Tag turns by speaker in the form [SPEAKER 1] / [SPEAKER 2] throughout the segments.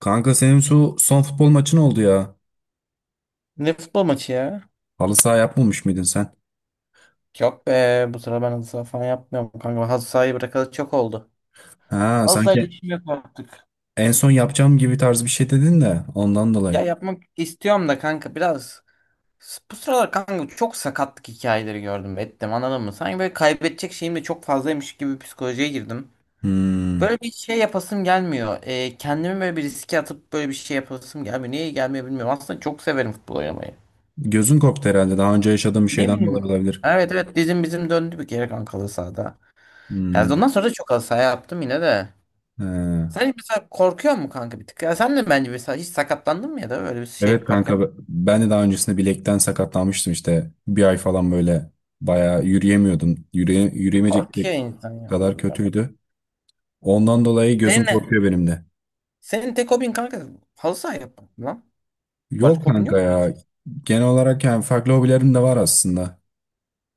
[SPEAKER 1] Kanka senin şu son futbol maçın oldu ya.
[SPEAKER 2] Ne futbol maçı ya?
[SPEAKER 1] Halı saha yapmamış mıydın sen?
[SPEAKER 2] Yok be, bu sıra ben halı saha falan yapmıyorum kanka. Ben halı sahayı bırakalı çok oldu.
[SPEAKER 1] Ha
[SPEAKER 2] Halı sahayla
[SPEAKER 1] sanki
[SPEAKER 2] işim yok artık.
[SPEAKER 1] en son yapacağım gibi tarz bir şey dedin de ondan
[SPEAKER 2] Ya
[SPEAKER 1] dolayı.
[SPEAKER 2] yapmak istiyorum da kanka biraz. Bu sıralar kanka çok sakatlık hikayeleri gördüm ettim, anladın mı? Sanki böyle kaybedecek şeyim de çok fazlaymış gibi bir psikolojiye girdim.
[SPEAKER 1] Hmm.
[SPEAKER 2] Böyle bir şey yapasım gelmiyor. Kendimi böyle bir riske atıp böyle bir şey yapasım gelmiyor. Niye gelmiyor bilmiyorum. Aslında çok severim futbol oynamayı.
[SPEAKER 1] Gözün korktu herhalde. Daha önce yaşadığım bir
[SPEAKER 2] Ne
[SPEAKER 1] şeyden
[SPEAKER 2] bileyim.
[SPEAKER 1] dolayı olabilir.
[SPEAKER 2] Evet evet, dizim bizim döndü bir kere kanka halı sahada. Yani
[SPEAKER 1] Hmm.
[SPEAKER 2] ondan sonra da çok halı saha yaptım yine de.
[SPEAKER 1] Ha.
[SPEAKER 2] Sen mesela korkuyor mu kanka bir tık? Ya sen de bence mesela hiç sakatlandın mı ya da öyle bir şey
[SPEAKER 1] Evet
[SPEAKER 2] yaparken?
[SPEAKER 1] kanka ben de daha öncesinde bilekten sakatlanmıştım işte. Bir ay falan böyle bayağı yürüyemiyordum. Yürüyemeyecek
[SPEAKER 2] Korkuyor insan ya,
[SPEAKER 1] kadar
[SPEAKER 2] bilmiyorum.
[SPEAKER 1] kötüydü. Ondan dolayı
[SPEAKER 2] Senin
[SPEAKER 1] gözüm
[SPEAKER 2] ne?
[SPEAKER 1] korkuyor benim de.
[SPEAKER 2] Senin tek hobin kanka halı saha yapmak mı lan. Başka
[SPEAKER 1] Yok
[SPEAKER 2] hobin
[SPEAKER 1] kanka
[SPEAKER 2] yok mu hiç?
[SPEAKER 1] ya. Genel olarak yani farklı hobilerim de var aslında.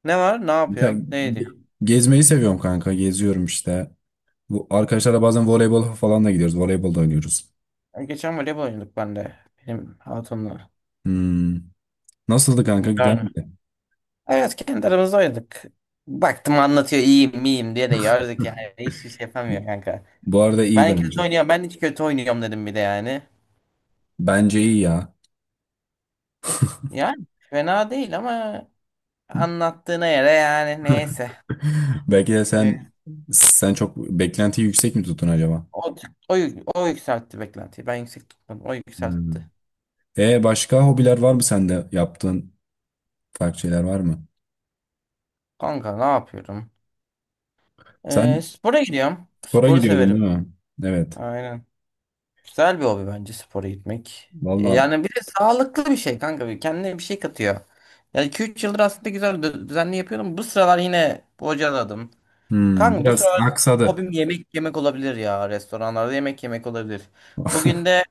[SPEAKER 2] Ne var? Ne
[SPEAKER 1] Sen
[SPEAKER 2] yapıyorsun? Ne
[SPEAKER 1] ge-
[SPEAKER 2] ediyorsun?
[SPEAKER 1] gezmeyi seviyorum kanka. Geziyorum işte. Bu arkadaşlarla bazen voleybol falan da gidiyoruz. Voleybol da oynuyoruz.
[SPEAKER 2] Ya geçen voleybol oynadık ben de. Benim hatunla.
[SPEAKER 1] Hmm. Nasıldı kanka?
[SPEAKER 2] Güzel
[SPEAKER 1] Güzel
[SPEAKER 2] mi?
[SPEAKER 1] miydi?
[SPEAKER 2] Evet, kendi aramızda oynadık. Baktım anlatıyor iyiyim miyim diye de yardık yani. Hiçbir şey yapamıyor kanka.
[SPEAKER 1] Bu arada iyi
[SPEAKER 2] Ben
[SPEAKER 1] bence.
[SPEAKER 2] kötü oynuyorum. Ben hiç kötü oynuyorum dedim bir de yani.
[SPEAKER 1] Bence iyi ya.
[SPEAKER 2] Yani fena değil ama anlattığına göre yani neyse.
[SPEAKER 1] Belki de sen
[SPEAKER 2] Ne?
[SPEAKER 1] sen çok beklentiyi yüksek mi tuttun acaba?
[SPEAKER 2] O, o, o yükseltti beklentiyi. Ben yüksek tutmadım. O
[SPEAKER 1] Hmm.
[SPEAKER 2] yükseltti.
[SPEAKER 1] E başka hobiler var mı sende? Yaptığın farklı şeyler var mı?
[SPEAKER 2] Kanka ne yapıyorum?
[SPEAKER 1] Sen
[SPEAKER 2] Spora gidiyorum.
[SPEAKER 1] spora
[SPEAKER 2] Sporu
[SPEAKER 1] gidiyordun
[SPEAKER 2] severim.
[SPEAKER 1] değil mi? Evet.
[SPEAKER 2] Aynen. Güzel bir hobi bence spora gitmek.
[SPEAKER 1] Vallahi
[SPEAKER 2] Yani bir de sağlıklı bir şey kanka. Bir kendine bir şey katıyor. Yani 2-3 yıldır aslında güzel düzenli yapıyordum. Bu sıralar yine bocaladım. Kanka bu
[SPEAKER 1] biraz
[SPEAKER 2] sıralar
[SPEAKER 1] aksadı
[SPEAKER 2] hobim yemek yemek olabilir ya. Restoranlarda yemek yemek olabilir. Bugün de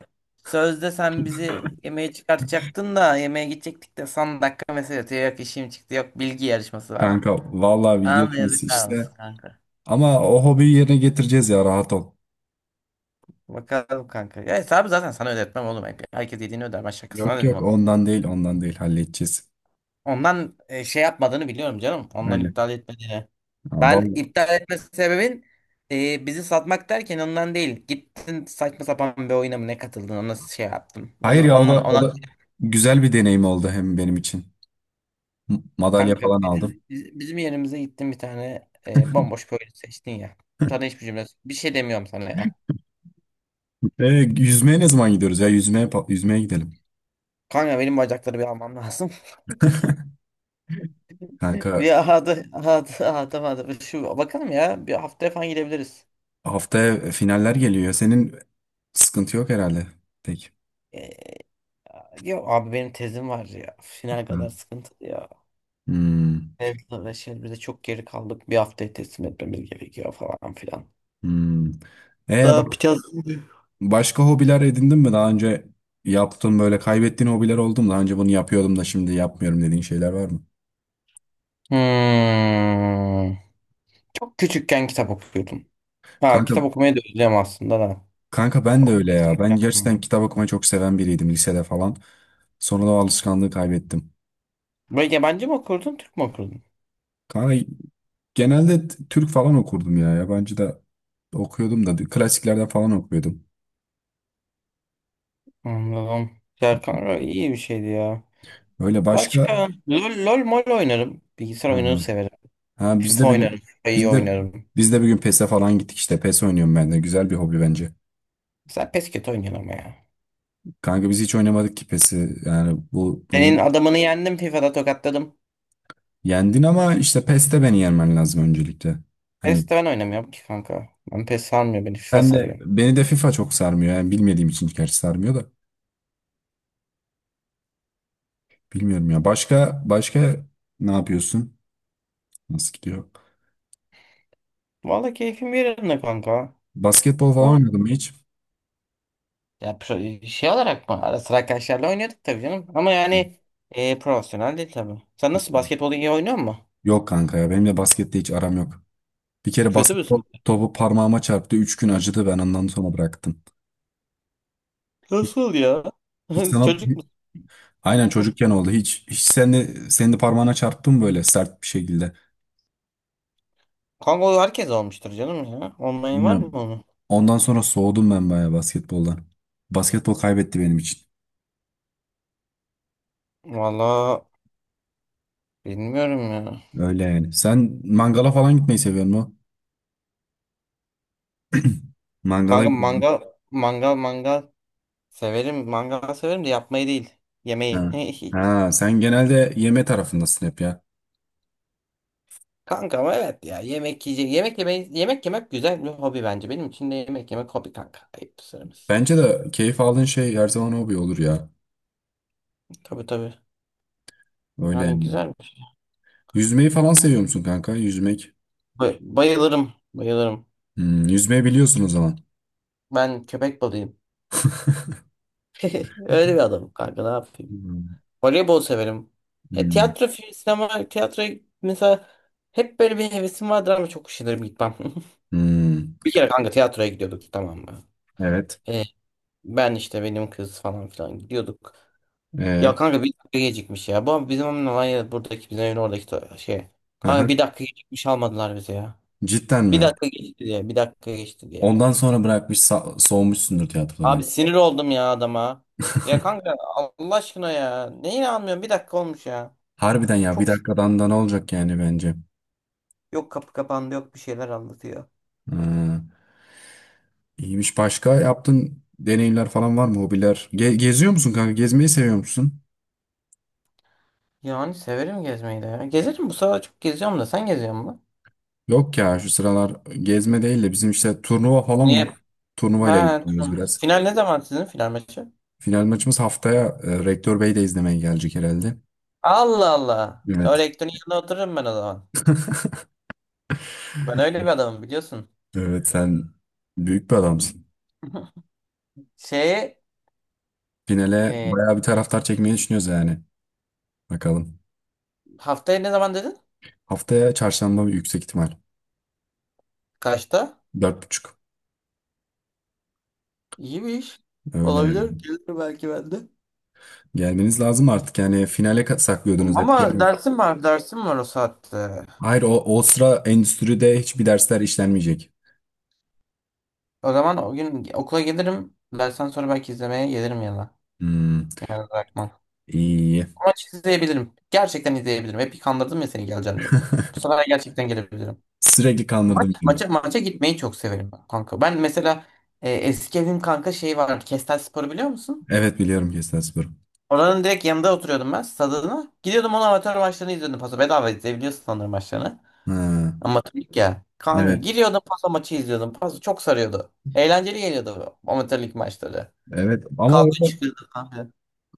[SPEAKER 2] sözde sen bizi yemeğe çıkartacaktın da yemeğe gidecektik de son dakika mesaj atıyor. Yok işim çıktı, yok bilgi yarışması var.
[SPEAKER 1] kanka. Vallahi bilgi
[SPEAKER 2] Sana da
[SPEAKER 1] yarışması
[SPEAKER 2] yazıklar
[SPEAKER 1] işte.
[SPEAKER 2] olsun kanka.
[SPEAKER 1] Ama o hobiyi yerine getireceğiz ya, rahat ol.
[SPEAKER 2] Bakalım kanka. Ya hesabı zaten sana ödetmem oğlum. Herkes yediğini öder. Ben şakasına
[SPEAKER 1] Yok,
[SPEAKER 2] dedim
[SPEAKER 1] yok,
[SPEAKER 2] onu.
[SPEAKER 1] ondan değil, ondan değil, halledeceğiz.
[SPEAKER 2] Ondan şey yapmadığını biliyorum canım. Ondan
[SPEAKER 1] Öyle.
[SPEAKER 2] iptal etmediğini.
[SPEAKER 1] Ha,
[SPEAKER 2] Ben
[SPEAKER 1] vallahi.
[SPEAKER 2] iptal etme sebebin bizi satmak derken ondan değil. Gittin saçma sapan bir oyuna mı ne katıldın ona şey yaptım.
[SPEAKER 1] Hayır
[SPEAKER 2] Onu,
[SPEAKER 1] ya, o
[SPEAKER 2] onun,
[SPEAKER 1] da o
[SPEAKER 2] ona
[SPEAKER 1] da güzel bir deneyim oldu hem benim için. Madalya
[SPEAKER 2] kanka
[SPEAKER 1] falan aldım.
[SPEAKER 2] bizim yerimize gittin bir tane bomboş bir oyun seçtin ya. Sana hiçbir cümle bir şey demiyorum sana ya.
[SPEAKER 1] E, yüzmeye ne zaman gidiyoruz ya? Yüzmeye gidelim.
[SPEAKER 2] Kanka benim bacakları bir almam lazım.
[SPEAKER 1] Kanka
[SPEAKER 2] Hadi hadi hadi hadi şu bakalım ya, bir haftaya falan gidebiliriz.
[SPEAKER 1] haftaya finaller geliyor. Senin sıkıntı yok herhalde. Tek.
[SPEAKER 2] E, Ya abi benim tezim var ya, final
[SPEAKER 1] Hı.
[SPEAKER 2] kadar sıkıntı ya.
[SPEAKER 1] Hmm,
[SPEAKER 2] Tezle uğraşıyoruz. Biz de çok geri kaldık. Bir haftaya teslim etmemiz gerekiyor falan filan.
[SPEAKER 1] hmm. E bak,
[SPEAKER 2] Daha biraz...
[SPEAKER 1] başka hobiler edindin mi? Daha önce yaptığın böyle kaybettiğin hobiler oldu mu? Daha önce bunu yapıyordum da şimdi yapmıyorum dediğin şeyler var mı?
[SPEAKER 2] Hmm. Çok küçükken kitap okuyordum. Ha,
[SPEAKER 1] Kanka,
[SPEAKER 2] kitap okumayı da özlüyorum aslında da.
[SPEAKER 1] kanka, ben de öyle ya. Ben gerçekten
[SPEAKER 2] Okuyordum.
[SPEAKER 1] kitap okumayı çok seven biriydim lisede falan. Sonra da o alışkanlığı kaybettim.
[SPEAKER 2] Böyle yabancı mı okurdun, Türk mü okurdun?
[SPEAKER 1] Kanka genelde Türk falan okurdum ya. Yabancı da okuyordum da klasiklerden falan okuyordum.
[SPEAKER 2] Anladım. Ya kanka iyi bir şeydi ya.
[SPEAKER 1] Öyle başka.
[SPEAKER 2] Başka? LOL, LOL mol oynarım. Bilgisayar
[SPEAKER 1] Hı
[SPEAKER 2] oyununu
[SPEAKER 1] hı.
[SPEAKER 2] severim.
[SPEAKER 1] Ha, biz
[SPEAKER 2] FIFA
[SPEAKER 1] de bir gün
[SPEAKER 2] oynarım. FIFA'yı
[SPEAKER 1] biz de
[SPEAKER 2] oynarım.
[SPEAKER 1] biz de bir gün PES'e falan gittik işte. PES oynuyorum ben de. Güzel bir hobi bence.
[SPEAKER 2] Sen PES kötü oynuyorsun ama ya.
[SPEAKER 1] Kanka biz hiç oynamadık ki PES'i. Yani
[SPEAKER 2] Senin
[SPEAKER 1] bunu
[SPEAKER 2] adamını yendim FIFA'da tokatladım.
[SPEAKER 1] yendin ama işte PES'te beni yenmen lazım öncelikle. Hani.
[SPEAKER 2] PES'te ben oynamıyorum ki kanka. Ben PES sarmıyor beni. FIFA sarıyor.
[SPEAKER 1] Beni de FIFA çok sarmıyor. Yani bilmediğim için gerçi sarmıyor da. Bilmiyorum ya. Başka ne yapıyorsun? Nasıl gidiyor?
[SPEAKER 2] Vallahi keyfim yerinde kanka.
[SPEAKER 1] Basketbol falan
[SPEAKER 2] O
[SPEAKER 1] oynadın mı hiç?
[SPEAKER 2] ya şey olarak mı? Ara sıra arkadaşlarla oynuyorduk tabii canım. Ama yani profesyonel değil tabii. Sen nasıl, basketbolu iyi oynuyor musun?
[SPEAKER 1] Yok kanka ya. Benim de baskette hiç aram yok. Bir kere
[SPEAKER 2] Kötü
[SPEAKER 1] basketbol
[SPEAKER 2] müsün?
[SPEAKER 1] topu parmağıma çarptı. Üç gün acıdı. Ben ondan sonra bıraktım. Hiç,
[SPEAKER 2] Nasıl ya?
[SPEAKER 1] hiç sana
[SPEAKER 2] Çocuk musun?
[SPEAKER 1] aynen
[SPEAKER 2] Hı.
[SPEAKER 1] çocukken oldu. Hiç sen de, senin de parmağına çarptı mı böyle sert bir şekilde?
[SPEAKER 2] Kanka o herkes olmuştur canım ya. Olmayın var mı
[SPEAKER 1] Bilmiyorum.
[SPEAKER 2] onu?
[SPEAKER 1] Ondan sonra soğudum ben bayağı basketboldan. Basketbol kaybetti benim için.
[SPEAKER 2] Vallahi bilmiyorum ya.
[SPEAKER 1] Öyle yani. Sen mangala falan gitmeyi seviyor musun? Mangala
[SPEAKER 2] Kanka
[SPEAKER 1] gidiyorum.
[SPEAKER 2] mangal severim. Mangal severim de yapmayı değil.
[SPEAKER 1] Ha.
[SPEAKER 2] Yemeği.
[SPEAKER 1] Ha, sen genelde yeme tarafındasın hep ya.
[SPEAKER 2] Kanka ama evet ya yemek yiyecek yemek yemeyi yemek yemek güzel bir hobi bence, benim için de yemek yemek hobi kanka, ayıp söylemesi.
[SPEAKER 1] Bence de keyif aldığın şey her zaman hobi olur ya.
[SPEAKER 2] Tabii tabii,
[SPEAKER 1] Öyle
[SPEAKER 2] yani
[SPEAKER 1] yani.
[SPEAKER 2] güzel bir şey.
[SPEAKER 1] Yüzmeyi falan seviyor musun kanka? Yüzmek.
[SPEAKER 2] Bayılırım bayılırım,
[SPEAKER 1] Hmm, yüzmeyi biliyorsun o zaman.
[SPEAKER 2] ben köpek balıyım, öyle bir adamım kanka ne yapayım,
[SPEAKER 1] Hmm,
[SPEAKER 2] voleybol severim,
[SPEAKER 1] hmm,
[SPEAKER 2] tiyatro sinema tiyatro mesela, hep böyle bir hevesim vardır ama çok üşenirim gitmem.
[SPEAKER 1] hmm.
[SPEAKER 2] Bir kere kanka tiyatroya gidiyorduk tamam mı?
[SPEAKER 1] Evet.
[SPEAKER 2] E, Ben işte, benim kız falan filan gidiyorduk. Ya
[SPEAKER 1] Ee,
[SPEAKER 2] kanka bir dakika gecikmiş ya. Bu bizim evin olay ya, buradaki bizim evin oradaki şey. Kanka bir
[SPEAKER 1] aha.
[SPEAKER 2] dakika gecikmiş almadılar bizi ya.
[SPEAKER 1] Cidden
[SPEAKER 2] Bir
[SPEAKER 1] mi?
[SPEAKER 2] dakika geçti diye. Bir dakika geçti diye.
[SPEAKER 1] Ondan sonra bırakmış soğumuşsundur
[SPEAKER 2] Abi
[SPEAKER 1] tiyatrodan.
[SPEAKER 2] sinir oldum ya adama. Ya kanka Allah aşkına ya. Neyi almıyorum? Bir dakika olmuş ya.
[SPEAKER 1] Harbiden ya, bir
[SPEAKER 2] Çok s-
[SPEAKER 1] dakikadan da ne olacak yani, bence.
[SPEAKER 2] Yok kapı kapandı, yok bir şeyler anlatıyor.
[SPEAKER 1] Ha, iyiymiş. Başka yaptığın deneyimler falan var mı? Hobiler. Geziyor musun kanka? Gezmeyi seviyor musun?
[SPEAKER 2] Yani severim gezmeyi de ya. Gezerim, bu sefer çok geziyorum, da sen geziyor musun?
[SPEAKER 1] Yok ya, şu sıralar gezme değil de bizim işte turnuva falan
[SPEAKER 2] Niye?
[SPEAKER 1] var. Turnuva ile
[SPEAKER 2] Ha
[SPEAKER 1] ilgileniyoruz
[SPEAKER 2] tamam.
[SPEAKER 1] biraz.
[SPEAKER 2] Final ne zaman, sizin final maçı?
[SPEAKER 1] Final maçımız haftaya, Rektör Bey de izlemeye gelecek herhalde.
[SPEAKER 2] Allah Allah. Öyle
[SPEAKER 1] Evet.
[SPEAKER 2] Ektor'un yanına otururum ben o zaman. Ben öyle bir adamım biliyorsun.
[SPEAKER 1] Evet, sen büyük bir adamsın.
[SPEAKER 2] Şeye
[SPEAKER 1] Finale
[SPEAKER 2] e,
[SPEAKER 1] bayağı bir taraftar çekmeyi düşünüyoruz yani. Bakalım.
[SPEAKER 2] haftaya ne zaman dedin?
[SPEAKER 1] Haftaya çarşamba bir, yüksek ihtimal.
[SPEAKER 2] Kaçta?
[SPEAKER 1] Dört buçuk.
[SPEAKER 2] İyi bir iş.
[SPEAKER 1] Öyle
[SPEAKER 2] Olabilir.
[SPEAKER 1] yani.
[SPEAKER 2] Gelir belki ben de.
[SPEAKER 1] Gelmeniz lazım artık yani finale, saklıyordunuz hep.
[SPEAKER 2] Ama
[SPEAKER 1] Yani,
[SPEAKER 2] dersim var. Dersim var o saatte.
[SPEAKER 1] hayır, o sıra endüstride hiçbir dersler işlenmeyecek.
[SPEAKER 2] O zaman o gün okula gelirim. Dersten sonra belki izlemeye gelirim yana.
[SPEAKER 1] Hmm,
[SPEAKER 2] Yani bırakmam.
[SPEAKER 1] iyi.
[SPEAKER 2] Ama izleyebilirim. Gerçekten izleyebilirim. Hep kandırdım ya seni geleceğim diye. Bu sefer gerçekten gelebilirim.
[SPEAKER 1] Sürekli kandırdım beni.
[SPEAKER 2] Maça gitmeyi çok severim ben kanka. Ben mesela eski evim kanka şey var. Kestel Spor'u biliyor musun?
[SPEAKER 1] Evet, biliyorum Kestel.
[SPEAKER 2] Oranın direkt yanında oturuyordum ben, stadına. Gidiyordum onun amatör maçlarını izliyordum. Paso bedava izleyebiliyorsun sanırım maçlarını.
[SPEAKER 1] Ha,
[SPEAKER 2] Amatörlük ya. Kanka
[SPEAKER 1] evet.
[SPEAKER 2] giriyordum paso maçı izliyordum. Paso çok sarıyordu. Eğlenceli geliyordu bu amatörlük maçları.
[SPEAKER 1] Evet. Ama
[SPEAKER 2] Kavga
[SPEAKER 1] orada
[SPEAKER 2] çıkıyordu kanka.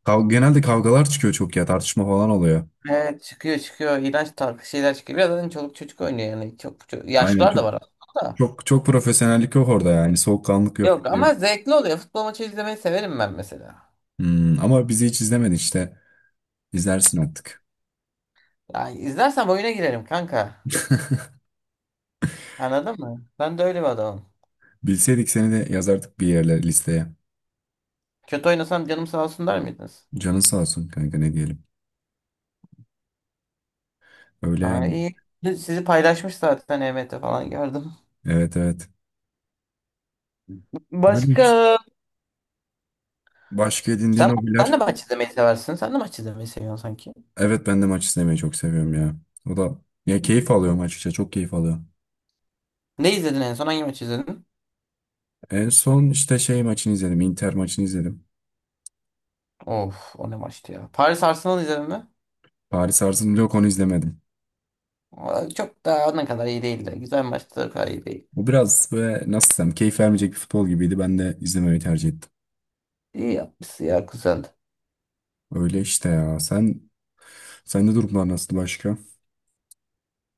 [SPEAKER 1] genelde kavgalar çıkıyor çok ya. Tartışma falan oluyor.
[SPEAKER 2] Evet çıkıyor çıkıyor. İğrenç tarz şeyler çıkıyor. Biraz zaten çoluk çocuk oynuyor yani.
[SPEAKER 1] Aynen,
[SPEAKER 2] Yaşlılar da
[SPEAKER 1] çok
[SPEAKER 2] var aslında. Da.
[SPEAKER 1] çok çok profesyonellik yok orada yani. Soğukkanlık yok, bir
[SPEAKER 2] Yok
[SPEAKER 1] şey yok.
[SPEAKER 2] ama zevkli oluyor. Futbol maçı izlemeyi severim ben mesela.
[SPEAKER 1] Hmm, ama bizi hiç izlemedin işte. İzlersin artık.
[SPEAKER 2] Yani izlersem oyuna girerim kanka. Anladın mı? Ben de öyle bir adamım.
[SPEAKER 1] Bilseydik seni de yazardık bir yerlere listeye.
[SPEAKER 2] Kötü oynasam canım sağ olsun der miydiniz?
[SPEAKER 1] Canın sağ olsun kanka, ne diyelim. Öyle
[SPEAKER 2] Aa,
[SPEAKER 1] yani.
[SPEAKER 2] iyi. Sizi paylaşmış zaten, EMT falan gördüm.
[SPEAKER 1] Evet, evet. Öyle işte.
[SPEAKER 2] Başka
[SPEAKER 1] Başka edindiğin
[SPEAKER 2] sen, sen
[SPEAKER 1] hobiler.
[SPEAKER 2] de maç izlemeyi seversin. Sen de maç izlemeyi seviyorsun sanki.
[SPEAKER 1] Evet, ben de maç izlemeyi çok seviyorum ya. O da, ya, keyif alıyorum açıkçası. Çok keyif alıyorum.
[SPEAKER 2] Ne izledin en son? Hangi maç izledin?
[SPEAKER 1] En son işte şey maçını izledim. Inter maçını izledim.
[SPEAKER 2] Of o ne maçtı ya. Paris Arsenal izledin mi?
[SPEAKER 1] Paris Arzum yok, onu izlemedim.
[SPEAKER 2] Aa, çok da ne kadar iyi değildi. Güzel maçtı, o kadar iyi değil.
[SPEAKER 1] Bu biraz böyle nasıl desem keyif vermeyecek bir futbol gibiydi. Ben de izlemeyi tercih ettim.
[SPEAKER 2] İyi yapmışsın ya, güzeldi.
[SPEAKER 1] Öyle işte ya. Sende durumlar nasıl, başka?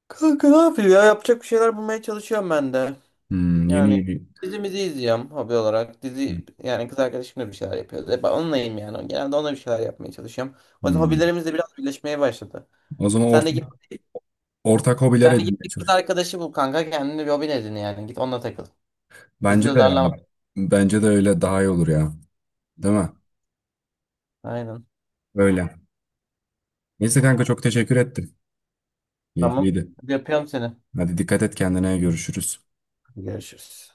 [SPEAKER 2] Kanka ne yapayım ya? Yapacak bir şeyler bulmaya çalışıyorum ben de.
[SPEAKER 1] Hmm, yeni
[SPEAKER 2] Yani
[SPEAKER 1] yeni.
[SPEAKER 2] dizimizi izliyorum hobi olarak. Dizi, yani kız arkadaşımla bir şeyler yapıyoruz. Hep onunlayım yani. Genelde onunla bir şeyler yapmaya çalışıyorum. O yüzden
[SPEAKER 1] Hmm.
[SPEAKER 2] hobilerimiz de biraz birleşmeye başladı.
[SPEAKER 1] O zaman
[SPEAKER 2] Sen de git
[SPEAKER 1] ortak hobiler
[SPEAKER 2] Sen de git
[SPEAKER 1] edinmeye
[SPEAKER 2] bir kız
[SPEAKER 1] çalış.
[SPEAKER 2] arkadaşı bul kanka, kendine bir hobin edin yani. Git onunla takıl. Bizi
[SPEAKER 1] Bence
[SPEAKER 2] de
[SPEAKER 1] de
[SPEAKER 2] darlama.
[SPEAKER 1] ya. Bence de öyle daha iyi olur ya. Değil mi?
[SPEAKER 2] Aynen.
[SPEAKER 1] Öyle. Neyse kanka, çok teşekkür ettim.
[SPEAKER 2] Tamam.
[SPEAKER 1] Keyifliydi.
[SPEAKER 2] Hadi öpüyorum seni.
[SPEAKER 1] Hadi, dikkat et kendine, görüşürüz.
[SPEAKER 2] Görüşürüz.